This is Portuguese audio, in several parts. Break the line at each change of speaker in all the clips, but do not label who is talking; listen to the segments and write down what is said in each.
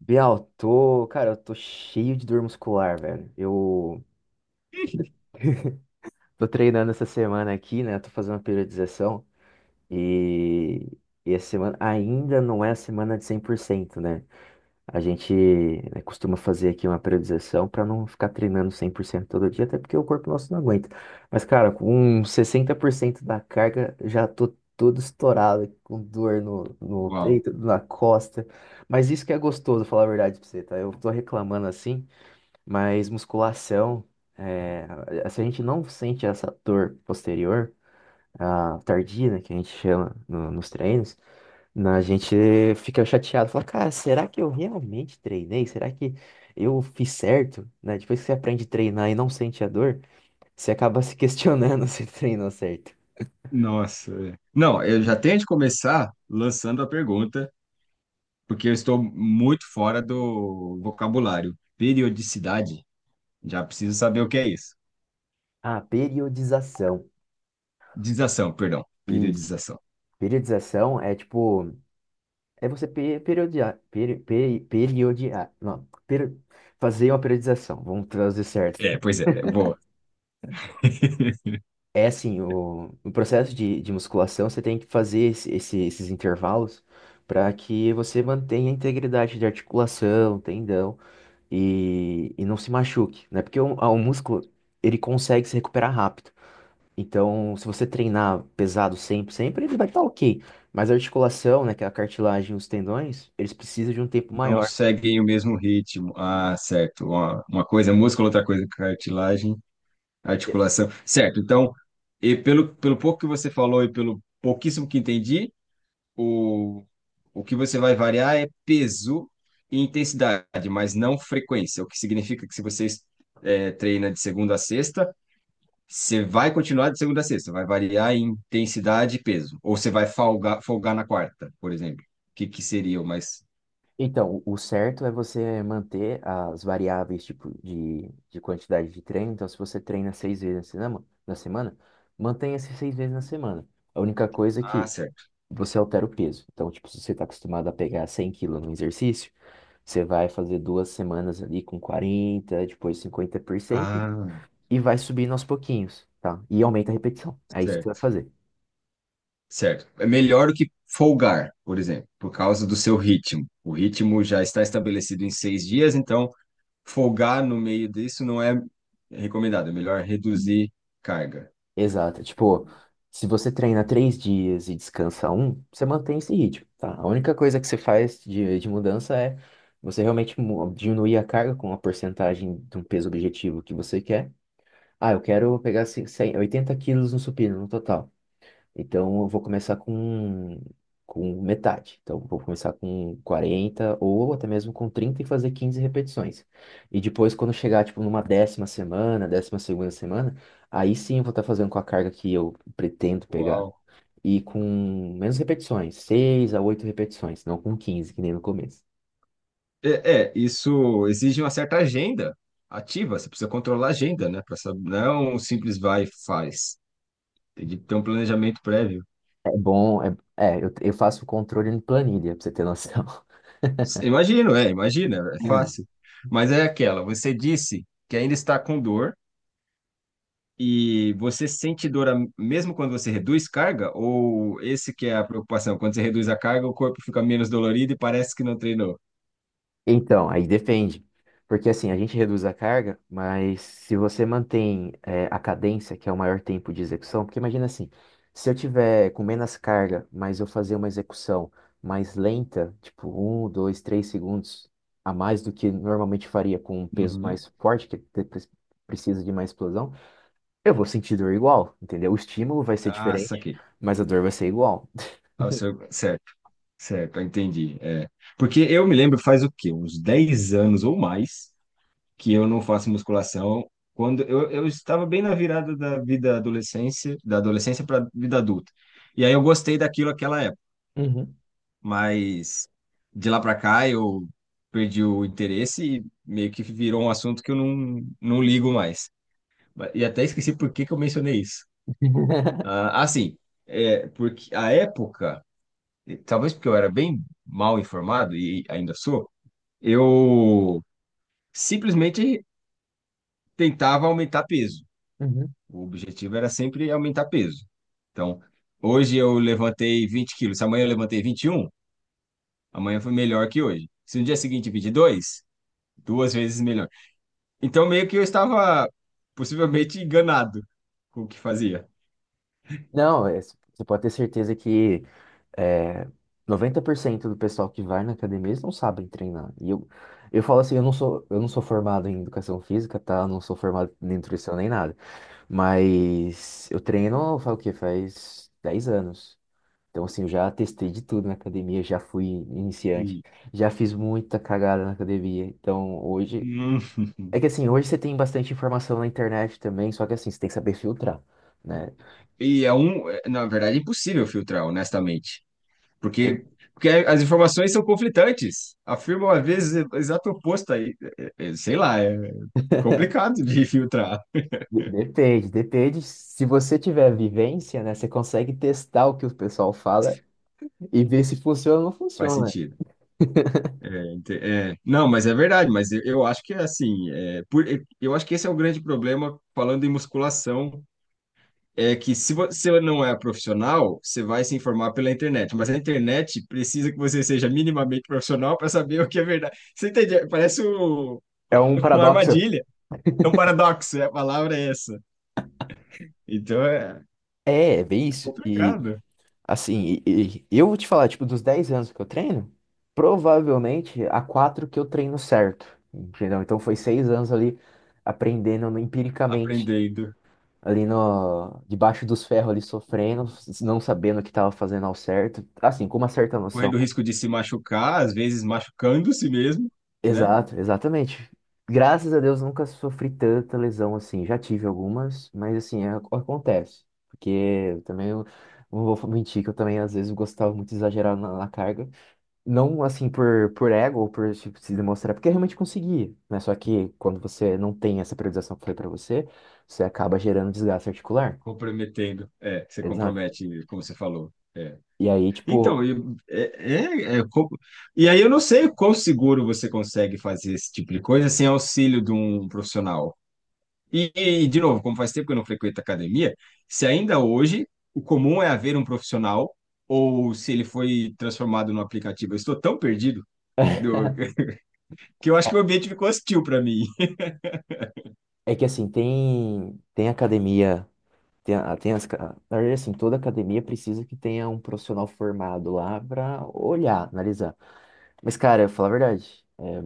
Bial, cara, eu tô cheio de dor muscular, velho. Eu tô treinando essa semana aqui, né? Tô fazendo uma periodização e, e essa semana ainda não é a semana de 100%, né? A gente, né, costuma fazer aqui uma periodização pra não ficar treinando 100% todo dia, até porque o corpo nosso não aguenta. Mas, cara, com 60% da carga, já tô todo estourado, com dor no
Uau.
peito, na costa. Mas isso que é gostoso, falar a verdade pra você, tá? Eu tô reclamando assim. Mas musculação, é, se a gente não sente essa dor posterior, a tardia, né, que a gente chama nos treinos, a gente fica chateado, fala, cara, será que eu realmente treinei? Será que eu fiz certo? Né? Depois que você aprende a treinar e não sente a dor, você acaba se questionando se treinou certo.
Nossa. É. Não, eu já tenho de começar lançando a pergunta, porque eu estou muito fora do vocabulário. Periodicidade, já preciso saber o que é isso.
Ah, periodização.
Dização, perdão.
Isso.
Periodização.
Periodização é tipo. É você periodiar, periodiar, não, fazer uma periodização, vamos trazer certo.
É, pois é, é boa.
É assim, o processo de musculação, você tem que fazer esses intervalos para que você mantenha a integridade de articulação, tendão e não se machuque, né? Porque o músculo, ele consegue se recuperar rápido. Então, se você treinar pesado sempre, sempre, ele vai estar ok. Mas a articulação, né, que é a cartilagem e os tendões, eles precisam de um tempo
Não
maior.
seguem o mesmo ritmo. Ah, certo. Uma coisa é músculo, outra coisa é cartilagem, articulação. Certo, então, e pelo pouco que você falou e pelo pouquíssimo que entendi, O, o que você vai variar é peso e intensidade, mas não frequência, o que significa que se você treina de segunda a sexta, você vai continuar de segunda a sexta, vai variar em intensidade e peso. Ou você vai folgar, folgar na quarta, por exemplo. O que seria o mais.
Então, o certo é você manter as variáveis tipo de quantidade de treino. Então, se você treina seis vezes na semana, mantenha esses seis vezes na semana. A única coisa é
Ah,
que
certo.
você altera o peso. Então, tipo, se você está acostumado a pegar 100 quilos no exercício, você vai fazer duas semanas ali com 40, depois 50%
Ah,
e vai subindo aos pouquinhos, tá? E aumenta a repetição. É isso que você vai
certo.
fazer.
Certo. É melhor do que folgar, por exemplo, por causa do seu ritmo. O ritmo já está estabelecido em 6 dias, então folgar no meio disso não é recomendado, é melhor reduzir carga.
Exato. É, tipo, se você treina três dias e descansa um, você mantém esse ritmo, tá? A única coisa que você faz de mudança é você realmente diminuir a carga com a porcentagem de um peso objetivo que você quer. Ah, eu quero pegar 100 oitenta quilos no supino no total. Então eu vou começar com metade. Então vou começar com 40 ou até mesmo com 30 e fazer 15 repetições. E depois, quando chegar tipo numa décima semana, décima segunda semana, aí sim eu vou estar fazendo com a carga que eu pretendo pegar.
Uau.
E com menos repetições, 6 a 8 repetições, não com 15 que nem no começo.
É, isso exige uma certa agenda ativa, você precisa controlar a agenda, né? Pra saber, não é um simples vai e faz. Tem que ter um planejamento prévio.
É bom, eu faço o controle em planilha, pra você ter noção.
Imagino, é, imagina, é fácil. Mas é aquela, você disse que ainda está com dor e você sente dor mesmo quando você reduz carga, ou esse que é a preocupação, quando você reduz a carga, o corpo fica menos dolorido e parece que não treinou?
Então, aí depende. Porque assim, a gente reduz a carga, mas se você mantém a cadência, que é o maior tempo de execução. Porque imagina assim, se eu tiver com menos carga, mas eu fazer uma execução mais lenta, tipo um, dois, três segundos a mais do que normalmente faria com um peso
Uhum.
mais forte, que precisa de mais explosão, eu vou sentir dor igual, entendeu? O estímulo vai ser
Ah,
diferente,
saquei.
mas a dor vai ser igual.
Ah, certo, certo, eu entendi. É. Porque eu me lembro faz o quê? Uns 10 anos ou mais que eu não faço musculação. Quando eu estava bem na virada da vida adolescência, da adolescência para vida adulta. E aí eu gostei daquilo naquela época,
Uhum.
mas de lá para cá eu perdi o interesse e meio que virou um assunto que eu não ligo mais. E até esqueci por que que eu mencionei isso. Ah, assim, é, porque a época e talvez porque eu era bem mal informado e ainda sou, eu simplesmente tentava aumentar peso.
Uhum.
O objetivo era sempre aumentar peso. Então, hoje eu levantei 20 quilos. Se amanhã eu levantei 21, amanhã foi melhor que hoje. Se no dia seguinte 22, duas vezes melhor. Então, meio que eu estava possivelmente enganado com o que fazia.
Não, você pode ter certeza que É, 90% do pessoal que vai na academia, eles não sabem treinar. E eu falo assim, eu não sou formado em educação física, tá? Eu não sou formado em nutrição nem nada. Mas eu treino, faz o quê? Faz 10 anos. Então, assim, eu já testei de tudo na academia, já fui iniciante,
Sim.
já fiz muita cagada na academia. Então, hoje...
Hum.
É que assim, hoje você tem bastante informação na internet também, só que assim, você tem que saber filtrar, né?
E é um, é, na verdade, é impossível filtrar, honestamente. Porque, porque as informações são conflitantes, afirmam às vezes o exato oposto aí. É, Sei lá, é complicado de filtrar.
Depende, depende. Se você tiver vivência, né, você consegue testar o que o pessoal fala e ver se funciona ou não
Faz
funciona.
sentido. É, é, não, mas é verdade, mas eu acho que é assim, é, eu acho que esse é o grande problema falando em musculação, é que se você não é profissional, você vai se informar pela internet, mas a internet precisa que você seja minimamente profissional para saber o que é verdade. Você entende? Parece
É um
uma
paradoxo.
armadilha, é um paradoxo, é, a palavra é essa. Então, é,
É, é bem isso. E,
Complicado.
assim, e eu vou te falar, tipo, dos 10 anos que eu treino, provavelmente há 4 que eu treino certo, entendeu? Então foi 6 anos ali aprendendo empiricamente,
Aprendendo,
ali no, debaixo dos ferros, ali sofrendo, não sabendo o que estava fazendo ao certo, assim, com uma certa
correndo
noção.
o risco de se machucar, às vezes machucando-se mesmo, né?
Exato, exatamente. Graças a Deus nunca sofri tanta lesão assim. Já tive algumas, mas assim, acontece. Porque eu também eu não vou mentir que eu também às vezes gostava muito de exagerar na carga. Não assim por ego ou por tipo, se demonstrar, porque eu realmente consegui, né? Só que quando você não tem essa priorização que eu falei pra você, você acaba gerando desgaste articular.
Comprometendo. É, você
Exato.
compromete, como você falou. É.
E aí,
Então,
tipo,
e, é, é, e aí eu não sei o quão seguro você consegue fazer esse tipo de coisa sem auxílio de um profissional. E, de novo, como faz tempo que eu não frequento academia, se ainda hoje o comum é haver um profissional, ou se ele foi transformado num aplicativo, eu estou tão perdido do- que eu acho que o ambiente ficou hostil para mim.
é que assim, tem academia. Tem, a- tem as, ca- Na verdade, assim, toda academia precisa que tenha um profissional formado lá para olhar, analisar. Mas, cara, eu vou falar a verdade,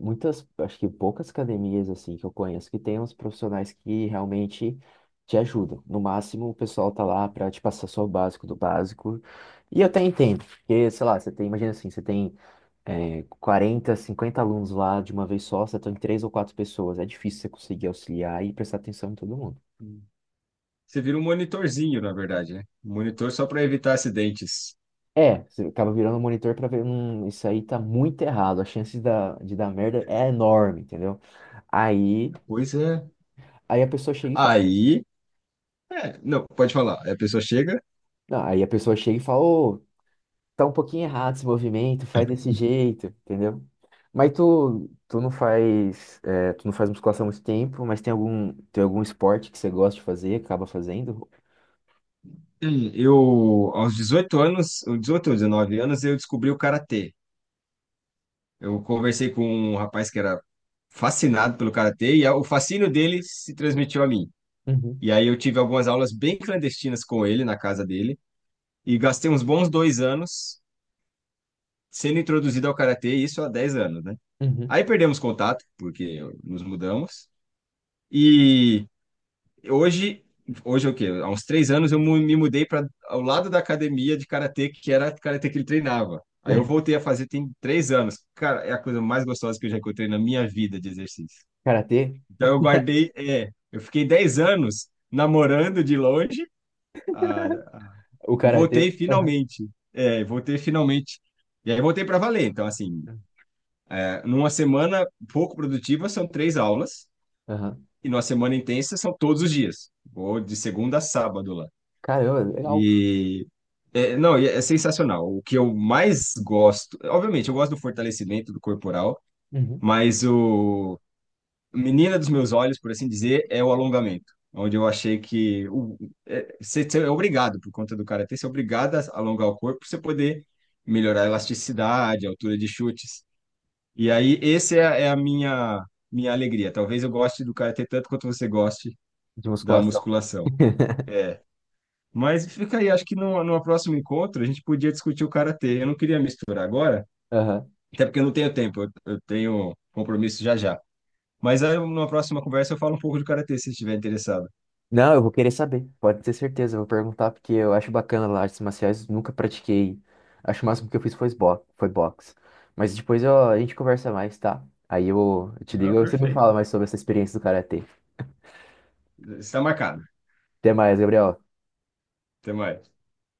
muitas, acho que poucas academias, assim, que eu conheço que tem uns profissionais que realmente te ajudam. No máximo, o pessoal tá lá para te passar só o básico do básico. E eu até entendo, porque, sei lá, você tem, imagina assim, você tem, 40, 50 alunos lá de uma vez só, você tem três ou quatro pessoas, é difícil você conseguir auxiliar e prestar atenção em todo mundo.
Hum. Você vira um monitorzinho, na verdade, né? Um monitor só para evitar acidentes.
É, você acaba virando o monitor pra ver, isso aí tá muito errado, a chance de dar merda é enorme, entendeu? Aí,
Pois é.
aí a pessoa chega e fala,
Aí, é, não, pode falar. Aí a pessoa chega.
não, aí a pessoa chega e fala, ô, tá um pouquinho errado esse movimento, faz desse jeito, entendeu? Mas tu não faz musculação há muito tempo, mas tem algum esporte que você gosta de fazer, acaba fazendo?
Eu, aos 18 anos, ou 18 ou 19 anos, eu descobri o karatê. Eu conversei com um rapaz que era fascinado pelo karatê e o fascínio dele se transmitiu a mim.
Uhum,
E aí eu tive algumas aulas bem clandestinas com ele na casa dele e gastei uns bons 2 anos sendo introduzido ao karatê, e isso há 10 anos, né?
uhum.
Aí perdemos contato, porque nos mudamos. E hoje, hoje é o quê? Há uns 3 anos eu me mudei para ao lado da academia de karatê, que era a karatê que ele treinava. Aí eu voltei a fazer tem 3 anos. Cara, é a coisa mais gostosa que eu já encontrei na minha vida de exercício.
Karatê?
Então eu guardei, é, eu fiquei 10 anos namorando de longe, ah,
O
e
karatê?
voltei
Aham,
finalmente. É, voltei finalmente. E aí voltei para valer. Então, assim, é, numa semana pouco produtiva, são três aulas.
aham.
E numa semana intensa são todos os dias. Vou de segunda a sábado lá.
Caramba, legal.
E é, não, e é sensacional. O que eu mais gosto, obviamente, eu gosto do fortalecimento do corporal,
Uhum.
mas o menina dos meus olhos, por assim dizer, é o alongamento. Onde eu achei que o, é, você é obrigado, por conta do karatê, você é obrigado a alongar o corpo para você poder melhorar a elasticidade, a altura de chutes. E aí, esse é, é a minha alegria. Talvez eu goste do karatê tanto quanto você goste
De
da
musculação.
musculação. É. Mas fica aí, acho que numa próximo encontro a gente podia discutir o karatê. Eu não queria misturar agora, até porque eu não tenho tempo, eu tenho compromisso já já. Mas aí, numa próxima conversa eu falo um pouco de karatê, se estiver interessado.
Não, eu vou querer saber, pode ter certeza, eu vou perguntar, porque eu acho bacana lá, artes marciais, nunca pratiquei. Acho que o máximo que eu fiz foi boxe. Mas depois ó, a gente conversa mais, tá? Aí eu te
Ah,
ligo, você me fala
perfeito.
mais sobre essa experiência do karatê.
Está marcado.
Até mais, Gabriel.
Até mais.